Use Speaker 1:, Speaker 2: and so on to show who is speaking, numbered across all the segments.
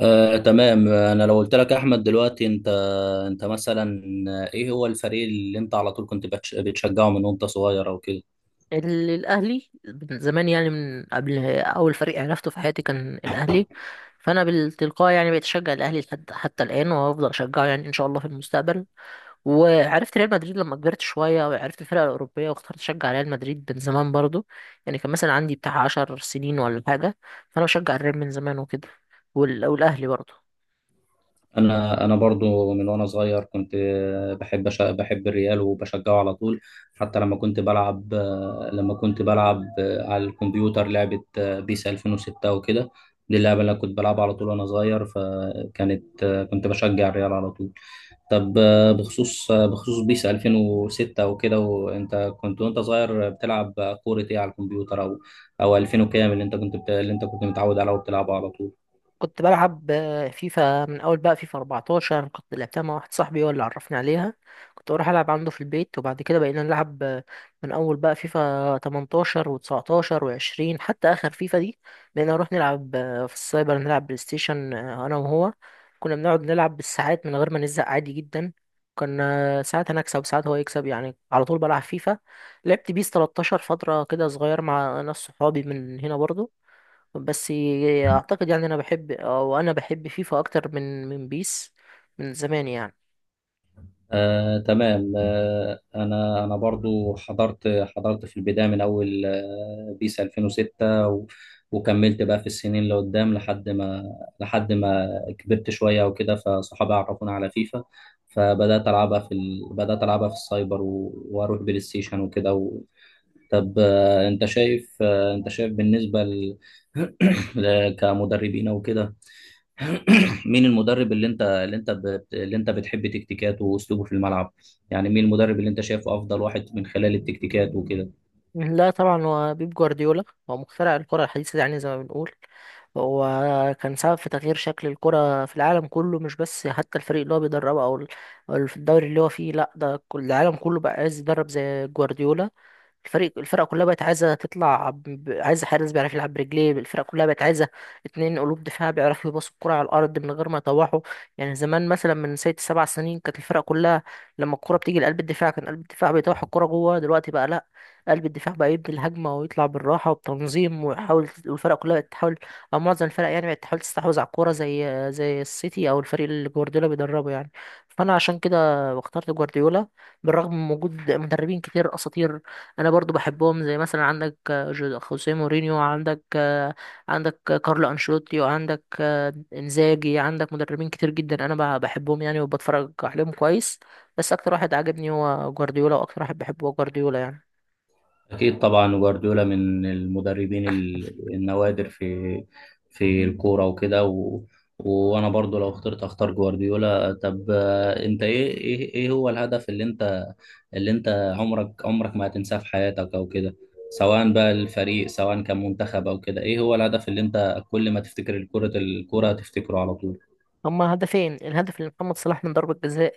Speaker 1: تمام، انا لو قلت لك احمد دلوقتي، انت مثلا، ايه هو الفريق اللي انت على طول كنت بتشجعه من وانت صغير او كده؟
Speaker 2: الاهلي من زمان، يعني من قبل. اول فريق عرفته في حياتي كان الاهلي، فانا بالتلقاء يعني بقيت اشجع الاهلي لحد حتى الان، وهفضل اشجعه يعني ان شاء الله في المستقبل. وعرفت ريال مدريد لما كبرت شويه، وعرفت الفرق الاوروبيه واخترت اشجع ريال مدريد من زمان برضو. يعني كان مثلا عندي بتاع 10 سنين ولا حاجه، فانا بشجع الريال من زمان وكده. والاهلي برضو.
Speaker 1: انا برضو من وانا صغير كنت بحب الريال وبشجعه على طول. حتى لما كنت بلعب على الكمبيوتر لعبة بيس 2006 وكده. دي اللعبة اللي أنا كنت بلعبها على طول وانا صغير، كنت بشجع الريال على طول. طب، بخصوص بيس 2006 وكده، وانت كنت وانت صغير بتلعب كورة ايه على الكمبيوتر، او 2000 وكام، اللي اللي انت كنت متعود عليه وبتلعبه على طول؟
Speaker 2: كنت بلعب فيفا، من اول بقى فيفا 14 كنت لعبتها مع واحد صاحبي هو اللي عرفني عليها. كنت بروح العب عنده في البيت، وبعد كده بقينا نلعب من اول بقى فيفا 18 و19 و20 حتى اخر فيفا دي. بقينا نروح نلعب في السايبر، نلعب بلاي ستيشن انا وهو. كنا بنقعد نلعب بالساعات من غير ما نزهق عادي جدا. كنا ساعات انا اكسب وساعات هو يكسب، يعني على طول بلعب فيفا. لعبت بيس 13 فترة كده صغير مع ناس صحابي من هنا برضو، بس اعتقد يعني انا بحب، او انا بحب فيفا اكتر من بيس من زمان يعني.
Speaker 1: تمام. انا برضو حضرت في البدايه من اول بيس 2006، وكملت بقى في السنين اللي قدام، لحد ما كبرت شويه وكده، فصحابي عرفوني على فيفا. فبدات العبها في ال... بدات العبها في السايبر، واروح بلاي ستيشن وكده. و... طب. انت شايف، بالنسبه كمدربين وكده. مين المدرب اللي انت بتحب تكتيكاته واسلوبه في الملعب؟ يعني مين المدرب اللي انت شايفه افضل واحد من خلال التكتيكات وكده؟
Speaker 2: لا طبعا، هو بيب جوارديولا. هو مخترع الكرة الحديثة يعني زي ما بنقول. هو كان سبب في تغيير شكل الكرة في العالم كله، مش بس حتى الفريق اللي هو بيدربه أو في الدوري اللي هو فيه، لا ده كل العالم كله بقى عايز يدرب زي جوارديولا. الفرقة كلها بقت عايزة تطلع عايزة حارس بيعرف يلعب برجليه، الفرقة كلها بقت عايزة اتنين قلوب دفاع بيعرفوا يباصوا الكرة على الأرض من غير ما يطوحوا. يعني زمان مثلا من ست سبع سنين كانت الفرقة كلها لما الكرة بتيجي لقلب الدفاع كان قلب الدفاع بيطوح الكرة جوه. دلوقتي بقى لأ، قلب الدفاع بقى يبني الهجمة ويطلع بالراحة وبتنظيم ويحاول، والفرقة كلها بقت تحاول أو معظم الفرق يعني بقت تحاول تستحوذ على الكورة زي السيتي أو الفريق اللي جوارديولا بيدربه يعني. فأنا عشان كده اخترت جوارديولا، بالرغم من وجود مدربين كتير أساطير انا برضو بحبهم، زي مثلا عندك خوسيه مورينيو، عندك كارلو انشيلوتي، وعندك انزاجي، عندك مدربين كتير جدا انا بحبهم يعني وبتفرج عليهم كويس. بس اكتر واحد عاجبني هو جوارديولا، واكتر واحد بحبه هو جوارديولا يعني.
Speaker 1: أكيد طبعا. جوارديولا من المدربين النوادر في الكورة وكده. وأنا برضو لو أختار جوارديولا. طب. أنت، إيه هو الهدف اللي أنت عمرك ما هتنساه في حياتك أو كده؟ سواء بقى الفريق، سواء كان منتخب أو كده، إيه هو الهدف اللي أنت كل ما تفتكر الكرة هتفتكره على طول؟
Speaker 2: هما هدفين، الهدف اللي محمد صلاح من ضربة جزاء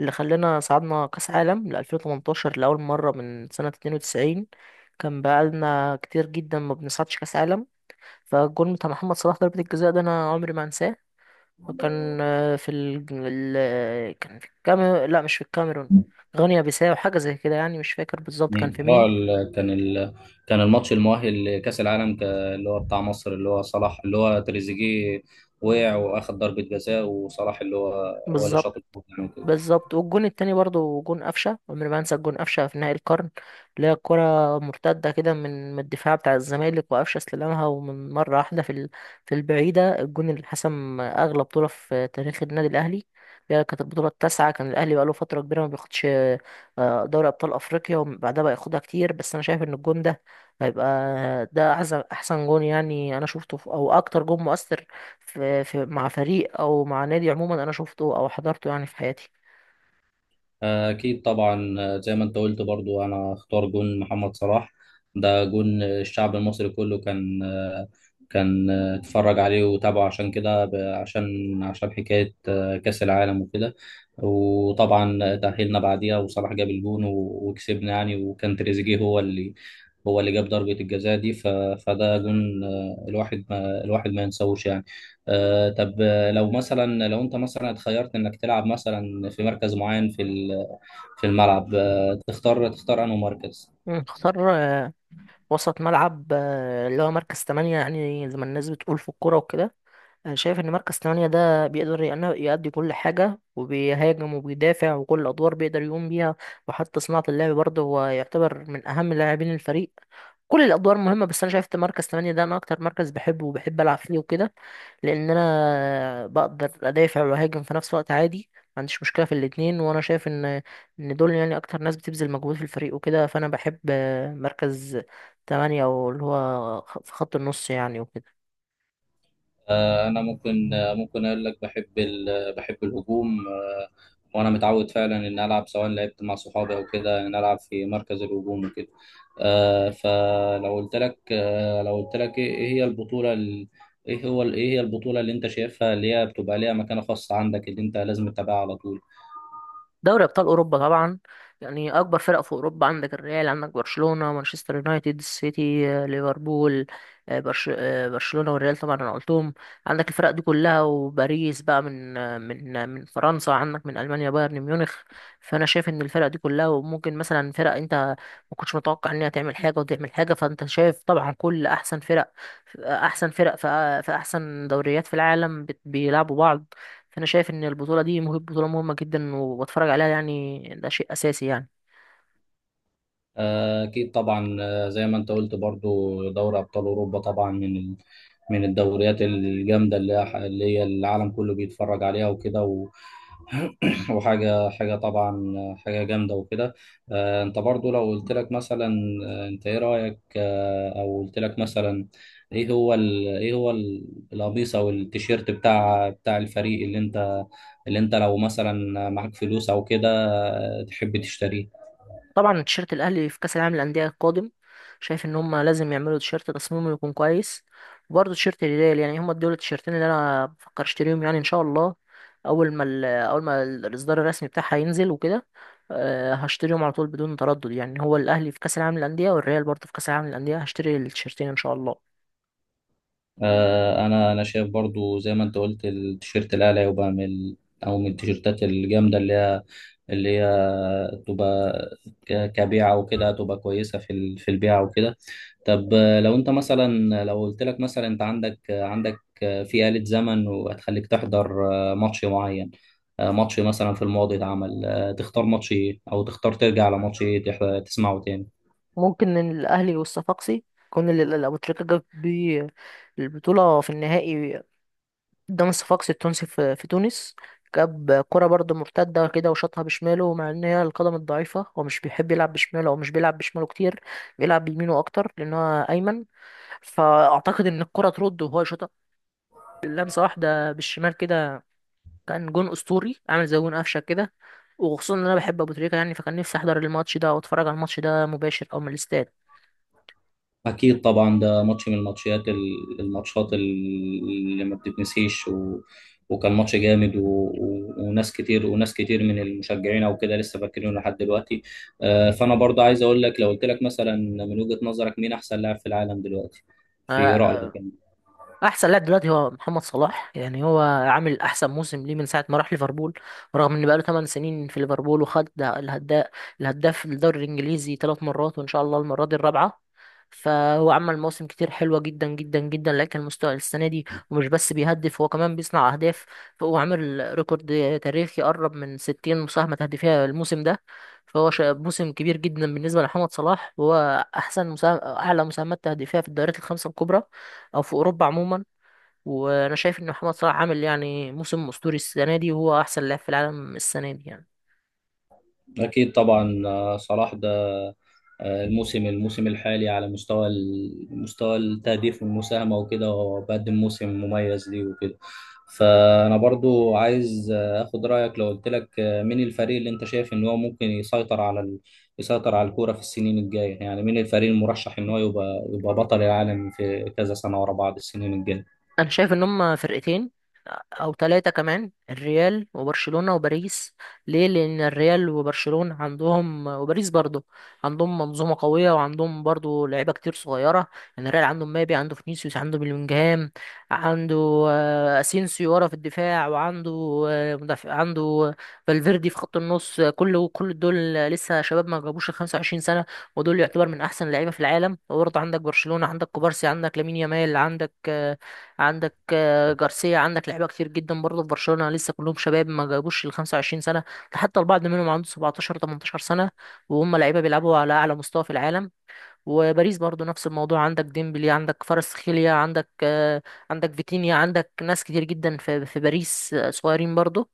Speaker 2: اللي خلانا صعدنا كأس عالم ل 2018 لأول مرة من سنة 92، كان بقالنا كتير جدا ما بنصعدش كأس عالم. فالجول بتاع محمد صلاح ضربة الجزاء ده أنا عمري ما أنساه. كان آه، في ال... ال... كان في الكاميرون، لا مش في الكاميرون، غينيا بيساو حاجة زي كده يعني مش فاكر بالظبط كان
Speaker 1: مم.
Speaker 2: في مين.
Speaker 1: كان الماتش المؤهل لكأس العالم، اللي هو بتاع مصر، اللي هو صلاح، اللي هو تريزيجيه
Speaker 2: مم.
Speaker 1: وقع واخد ضربة جزاء، وصلاح اللي هو هو اللي
Speaker 2: بالظبط،
Speaker 1: شاط الجول يعني.
Speaker 2: بالظبط. والجون التاني برضه جون قفشه، عمري ما انسى الجون قفشه في نهائي القرن، اللي هي الكره مرتده كده من الدفاع بتاع الزمالك وقفشه استلمها، ومن مره واحده في البعيده، الجون اللي حسم اغلى بطوله في تاريخ النادي الاهلي اللي هي كانت البطوله التاسعه، كان الاهلي بقاله فتره كبيره ما بياخدش دوري ابطال افريقيا، وبعدها بقى ياخدها كتير. بس انا شايف ان الجون ده هيبقى ده احسن جون، يعني انا شفته، في او اكتر جون مؤثر في في مع فريق او مع نادي عموما انا شفته او حضرته يعني في حياتي.
Speaker 1: أكيد طبعا. زي ما أنت قلت برضو، أنا أختار جون محمد صلاح. ده جون الشعب المصري كله، كان اتفرج عليه وتابعه، عشان كده، عشان حكاية كأس العالم وكده. وطبعا تأهلنا بعديها، وصلاح جاب الجون وكسبنا يعني، وكان تريزيجيه هو اللي جاب ضربة الجزاء دي. فده جون الواحد ما ينساهوش يعني. طب، لو انت مثلا اتخيرت انك تلعب مثلا في مركز معين في الملعب، تختار انه مركز.
Speaker 2: اختار وسط ملعب، اللي هو مركز تمانية يعني زي ما الناس بتقول في الكورة وكده. انا شايف ان مركز تمانية ده بيقدر يأدي كل حاجة، وبيهاجم وبيدافع وكل الادوار بيقدر يقوم بيها. وحتى صناعة اللعب برضه هو يعتبر من اهم لاعبين الفريق. كل الادوار مهمة، بس انا شايف إن مركز تمانية ده انا اكتر مركز بحبه وبحب العب فيه وكده، لان انا بقدر ادافع واهاجم في نفس الوقت عادي، ما عنديش مشكله في الاتنين. وانا شايف ان دول يعني اكتر ناس بتبذل مجهود في الفريق وكده، فانا بحب مركز تمانية او اللي هو في خط النص يعني وكده.
Speaker 1: انا ممكن، ممكن اقول لك بحب بحب الهجوم. وانا متعود فعلا ان العب، سواء لعبت مع صحابي او كده، ان العب في مركز الهجوم وكده. آه، فلو قلت لك آه، لو قلت لك، ايه إيه هي البطولة ال- ايه هو ال- ايه هي البطولة اللي انت شايفها، اللي هي بتبقى ليها مكانة خاصة عندك، اللي انت لازم تتابعها على طول؟
Speaker 2: دوري ابطال اوروبا طبعا. يعني اكبر فرق في اوروبا، عندك الريال، عندك برشلونه، مانشستر يونايتد، السيتي، ليفربول، برشلونه والريال طبعا انا قلتهم، عندك الفرق دي كلها، وباريس بقى من فرنسا، عندك من المانيا بايرن ميونخ. فانا شايف ان الفرق دي كلها، وممكن مثلا فرق انت ما كنتش متوقع انها تعمل حاجه وتعمل حاجه، فانت شايف طبعا كل احسن فرق، احسن فرق في احسن دوريات في العالم بيلعبوا بعض. فانا شايف ان البطوله دي بطوله مهمه جدا، وبتفرج عليها يعني ده شيء اساسي يعني.
Speaker 1: أكيد طبعا. زي ما أنت قلت برضو، دوري أبطال أوروبا طبعا، من الدوريات الجامدة، اللي هي العالم كله بيتفرج عليها وكده. وحاجة حاجة طبعا حاجة جامدة وكده. أنت برضو لو قلت لك مثلا، آه، أنت إيه رأيك آه، أو قلت لك مثلا، إيه هو ال... إيه هو ال- القميص أو التيشيرت بتاع الفريق، اللي أنت لو مثلا معاك فلوس أو كده، تحب تشتريه؟
Speaker 2: طبعا تيشيرت الاهلي في كاس العالم للانديه القادم، شايف ان هم لازم يعملوا تيشيرت تصميمه يكون كويس. وبرضه تيشيرت الهلال، يعني هم دول التيشيرتين اللي انا بفكر اشتريهم يعني ان شاء الله، اول ما ال- اول ما ال- الاصدار الرسمي بتاعها ينزل وكده. هشتريهم على طول بدون تردد يعني، هو الاهلي في كاس العالم للانديه والريال برضه في كاس العالم للانديه، هشتري التيشيرتين ان شاء الله.
Speaker 1: انا شايف برضو زي ما انت قلت، التيشيرت الاعلى يبقى او من التيشيرتات الجامده، اللي هي تبقى كبيعه وكده، تبقى كويسه في البيعه وكده. طب، لو قلت لك مثلا، انت عندك في آلة زمن، وهتخليك تحضر ماتش معين، ماتش مثلا في الماضي اتعمل، تختار ماتش ايه، او تختار ترجع على ماتش ايه تسمعه تاني؟
Speaker 2: ممكن الأهلي والصفاقسي، كون أبو تريكة جاب بيه البطولة في النهائي قدام الصفاقسي التونسي في تونس، جاب كرة برضه مرتدة كده وشاطها بشماله، مع إن هي القدم الضعيفة هو مش بيحب يلعب بشماله أو مش بيلعب بشماله كتير، بيلعب بيمينه أكتر لأن هو أيمن. فأعتقد إن الكرة ترد وهو يشوطها لمسة واحدة بالشمال كده، كان جون أسطوري عامل زي جون قفشة كده. وخصوصا إن أنا بحب أبو تريكة يعني، فكان نفسي أحضر الماتش ده وأتفرج على الماتش ده مباشر أو من الاستاد.
Speaker 1: أكيد طبعا. ده ماتش من الماتشات اللي ما بتتنسيش، وكان ماتش جامد، وناس كتير من المشجعين أو كده لسه فاكرينه لحد دلوقتي. فأنا برضه عايز أقول لك، لو قلت لك مثلا، من وجهة نظرك مين أحسن لاعب في العالم دلوقتي،
Speaker 2: آه،
Speaker 1: في رأيك
Speaker 2: آه،
Speaker 1: يعني؟
Speaker 2: احسن لاعب دلوقتي هو محمد صلاح، يعني هو عامل احسن موسم ليه من ساعه ما راح ليفربول، رغم ان بقاله 8 سنين في ليفربول. وخد الهداف الدوري الانجليزي ثلاث مرات، وان شاء الله المره دي الرابعه. فهو عمل مواسم كتير حلوه جدا جدا جدا، لكن المستوى السنه دي، ومش بس بيهدف هو كمان بيصنع اهداف. فهو عامل ريكورد تاريخي قرب من 60 مساهمه تهديفيه الموسم ده. موسم كبير جدا بالنسبه لمحمد صلاح، وهو اعلى مساهمات تهديفيه في الدوريات الخمسه الكبرى او في اوروبا عموما. وانا شايف ان محمد صلاح عامل يعني موسم اسطوري السنه دي، وهو احسن لاعب في العالم السنه دي يعني.
Speaker 1: أكيد طبعا. صلاح ده، الموسم الحالي على مستوى التهديف والمساهمة وكده، هو بقدم موسم مميز ليه وكده. فأنا برضو عايز أخد رأيك. لو قلت لك، مين الفريق اللي أنت شايف إن هو ممكن يسيطر على الكورة في السنين الجاية، يعني مين الفريق المرشح إن هو يبقى بطل العالم في كذا سنة ورا بعض السنين الجاية؟
Speaker 2: انا شايف ان هم فرقتين او ثلاثه، كمان الريال وبرشلونه وباريس. ليه، لان الريال وبرشلونه عندهم، وباريس برضه عندهم منظومه قويه، وعندهم برضه لعيبه كتير صغيره. يعني الريال عنده مبابي، عنده فينيسيوس، عنده بلينجهام، عنده اسينسيو ورا في الدفاع، وعنده مدافع عنده فالفيردي في خط النص. كل دول لسه شباب ما جابوش ال 25 سنه، ودول يعتبر من احسن اللعيبه في العالم. وبرضه عندك برشلونه، عندك كوبارسي، عندك لامين يامال، عندك جارسيا، عندك لعيبه كتير جدا برضه في برشلونه، لسه كلهم شباب ما جابوش ال 25 سنه، ده حتى البعض منهم عنده 17 18 سنه وهم لعيبه بيلعبوا على اعلى مستوى في العالم. وباريس برضه نفس الموضوع، عندك ديمبلي، عندك كفاراتسخيليا، عندك عندك فيتينيا، عندك ناس كتير جدا في باريس صغيرين برضه.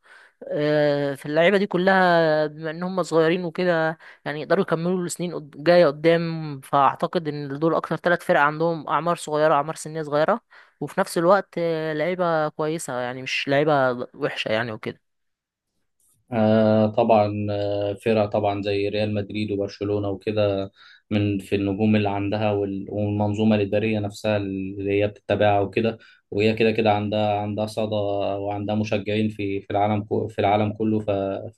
Speaker 2: فاللعيبه دي كلها بما ان هم صغيرين وكده يعني يقدروا يكملوا السنين جايه قدام. فاعتقد ان دول اكتر ثلاث فرق عندهم اعمار صغيره، اعمار سنيه صغيره، وفي نفس الوقت لعيبه كويسه يعني مش لعيبه وحشه يعني وكده.
Speaker 1: طبعا. فرق طبعا زي ريال مدريد وبرشلونة وكده، من في النجوم اللي عندها، والمنظومة الإدارية نفسها اللي هي بتتبعها وكده، وهي كده كده عندها صدى، وعندها مشجعين في في العالم كله.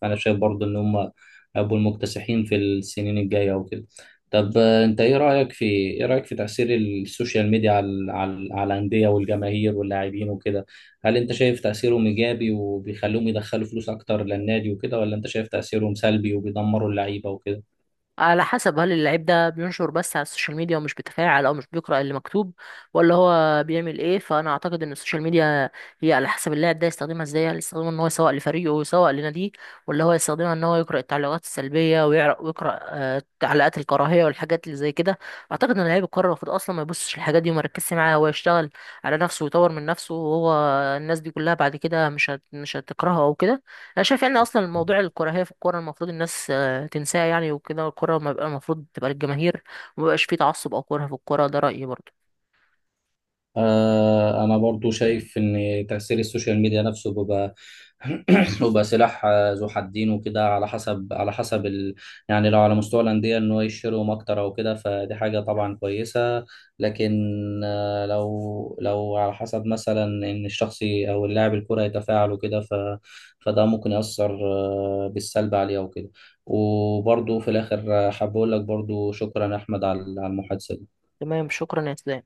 Speaker 1: فأنا شايف برضو إن هم هيبقوا المكتسحين في السنين الجاية وكده. طب، أنت إيه رأيك في تأثير السوشيال ميديا على الأندية والجماهير واللاعبين وكده. هل انت شايف تأثيرهم ايجابي وبيخلوهم يدخلوا فلوس اكتر للنادي وكده، ولا انت شايف تأثيرهم سلبي وبيدمروا اللعيبة وكده؟
Speaker 2: على حسب، هل اللعيب ده بينشر بس على السوشيال ميديا ومش بيتفاعل او مش بيقرأ اللي مكتوب ولا هو بيعمل ايه. فانا اعتقد ان السوشيال ميديا هي على حسب اللاعب ده يستخدمها ازاي، هل يستخدمها ان هو يسوق لفريقه ويسوق لناديه، ولا هو يستخدمها ان هو يقرأ التعليقات السلبية، ويقرأ تعليقات الكراهية والحاجات اللي زي كده. اعتقد ان لعيب الكرة المفروض اصلا ما يبصش للحاجات دي وما يركزش معاها، هو يشتغل على نفسه ويطور من نفسه، وهو الناس دي كلها بعد كده مش هتكرهه او كده. انا شايف ان اصلا موضوع الكراهية في الكورة المفروض الناس تنساها يعني، وكده الكرة ما بقى المفروض تبقى للجماهير، وما بقاش فيه تعصب أو كره في الكرة، ده رأيي برضه.
Speaker 1: أنا برضو شايف إن تأثير السوشيال ميديا نفسه بيبقى بيبقى سلاح، ذو حدين وكده، على حسب يعني لو على مستوى الأندية، إن هو يشتريهم أكتر أو كده، فدي حاجة طبعا كويسة. لكن لو على حسب مثلا إن أو اللاعب الكرة يتفاعل وكده، فده ممكن يأثر بالسلب عليه أو كده. وبرضو في الآخر، حابب أقول لك برضو شكرا يا أحمد على المحادثة دي.
Speaker 2: تمام، شكرا يا اسلام.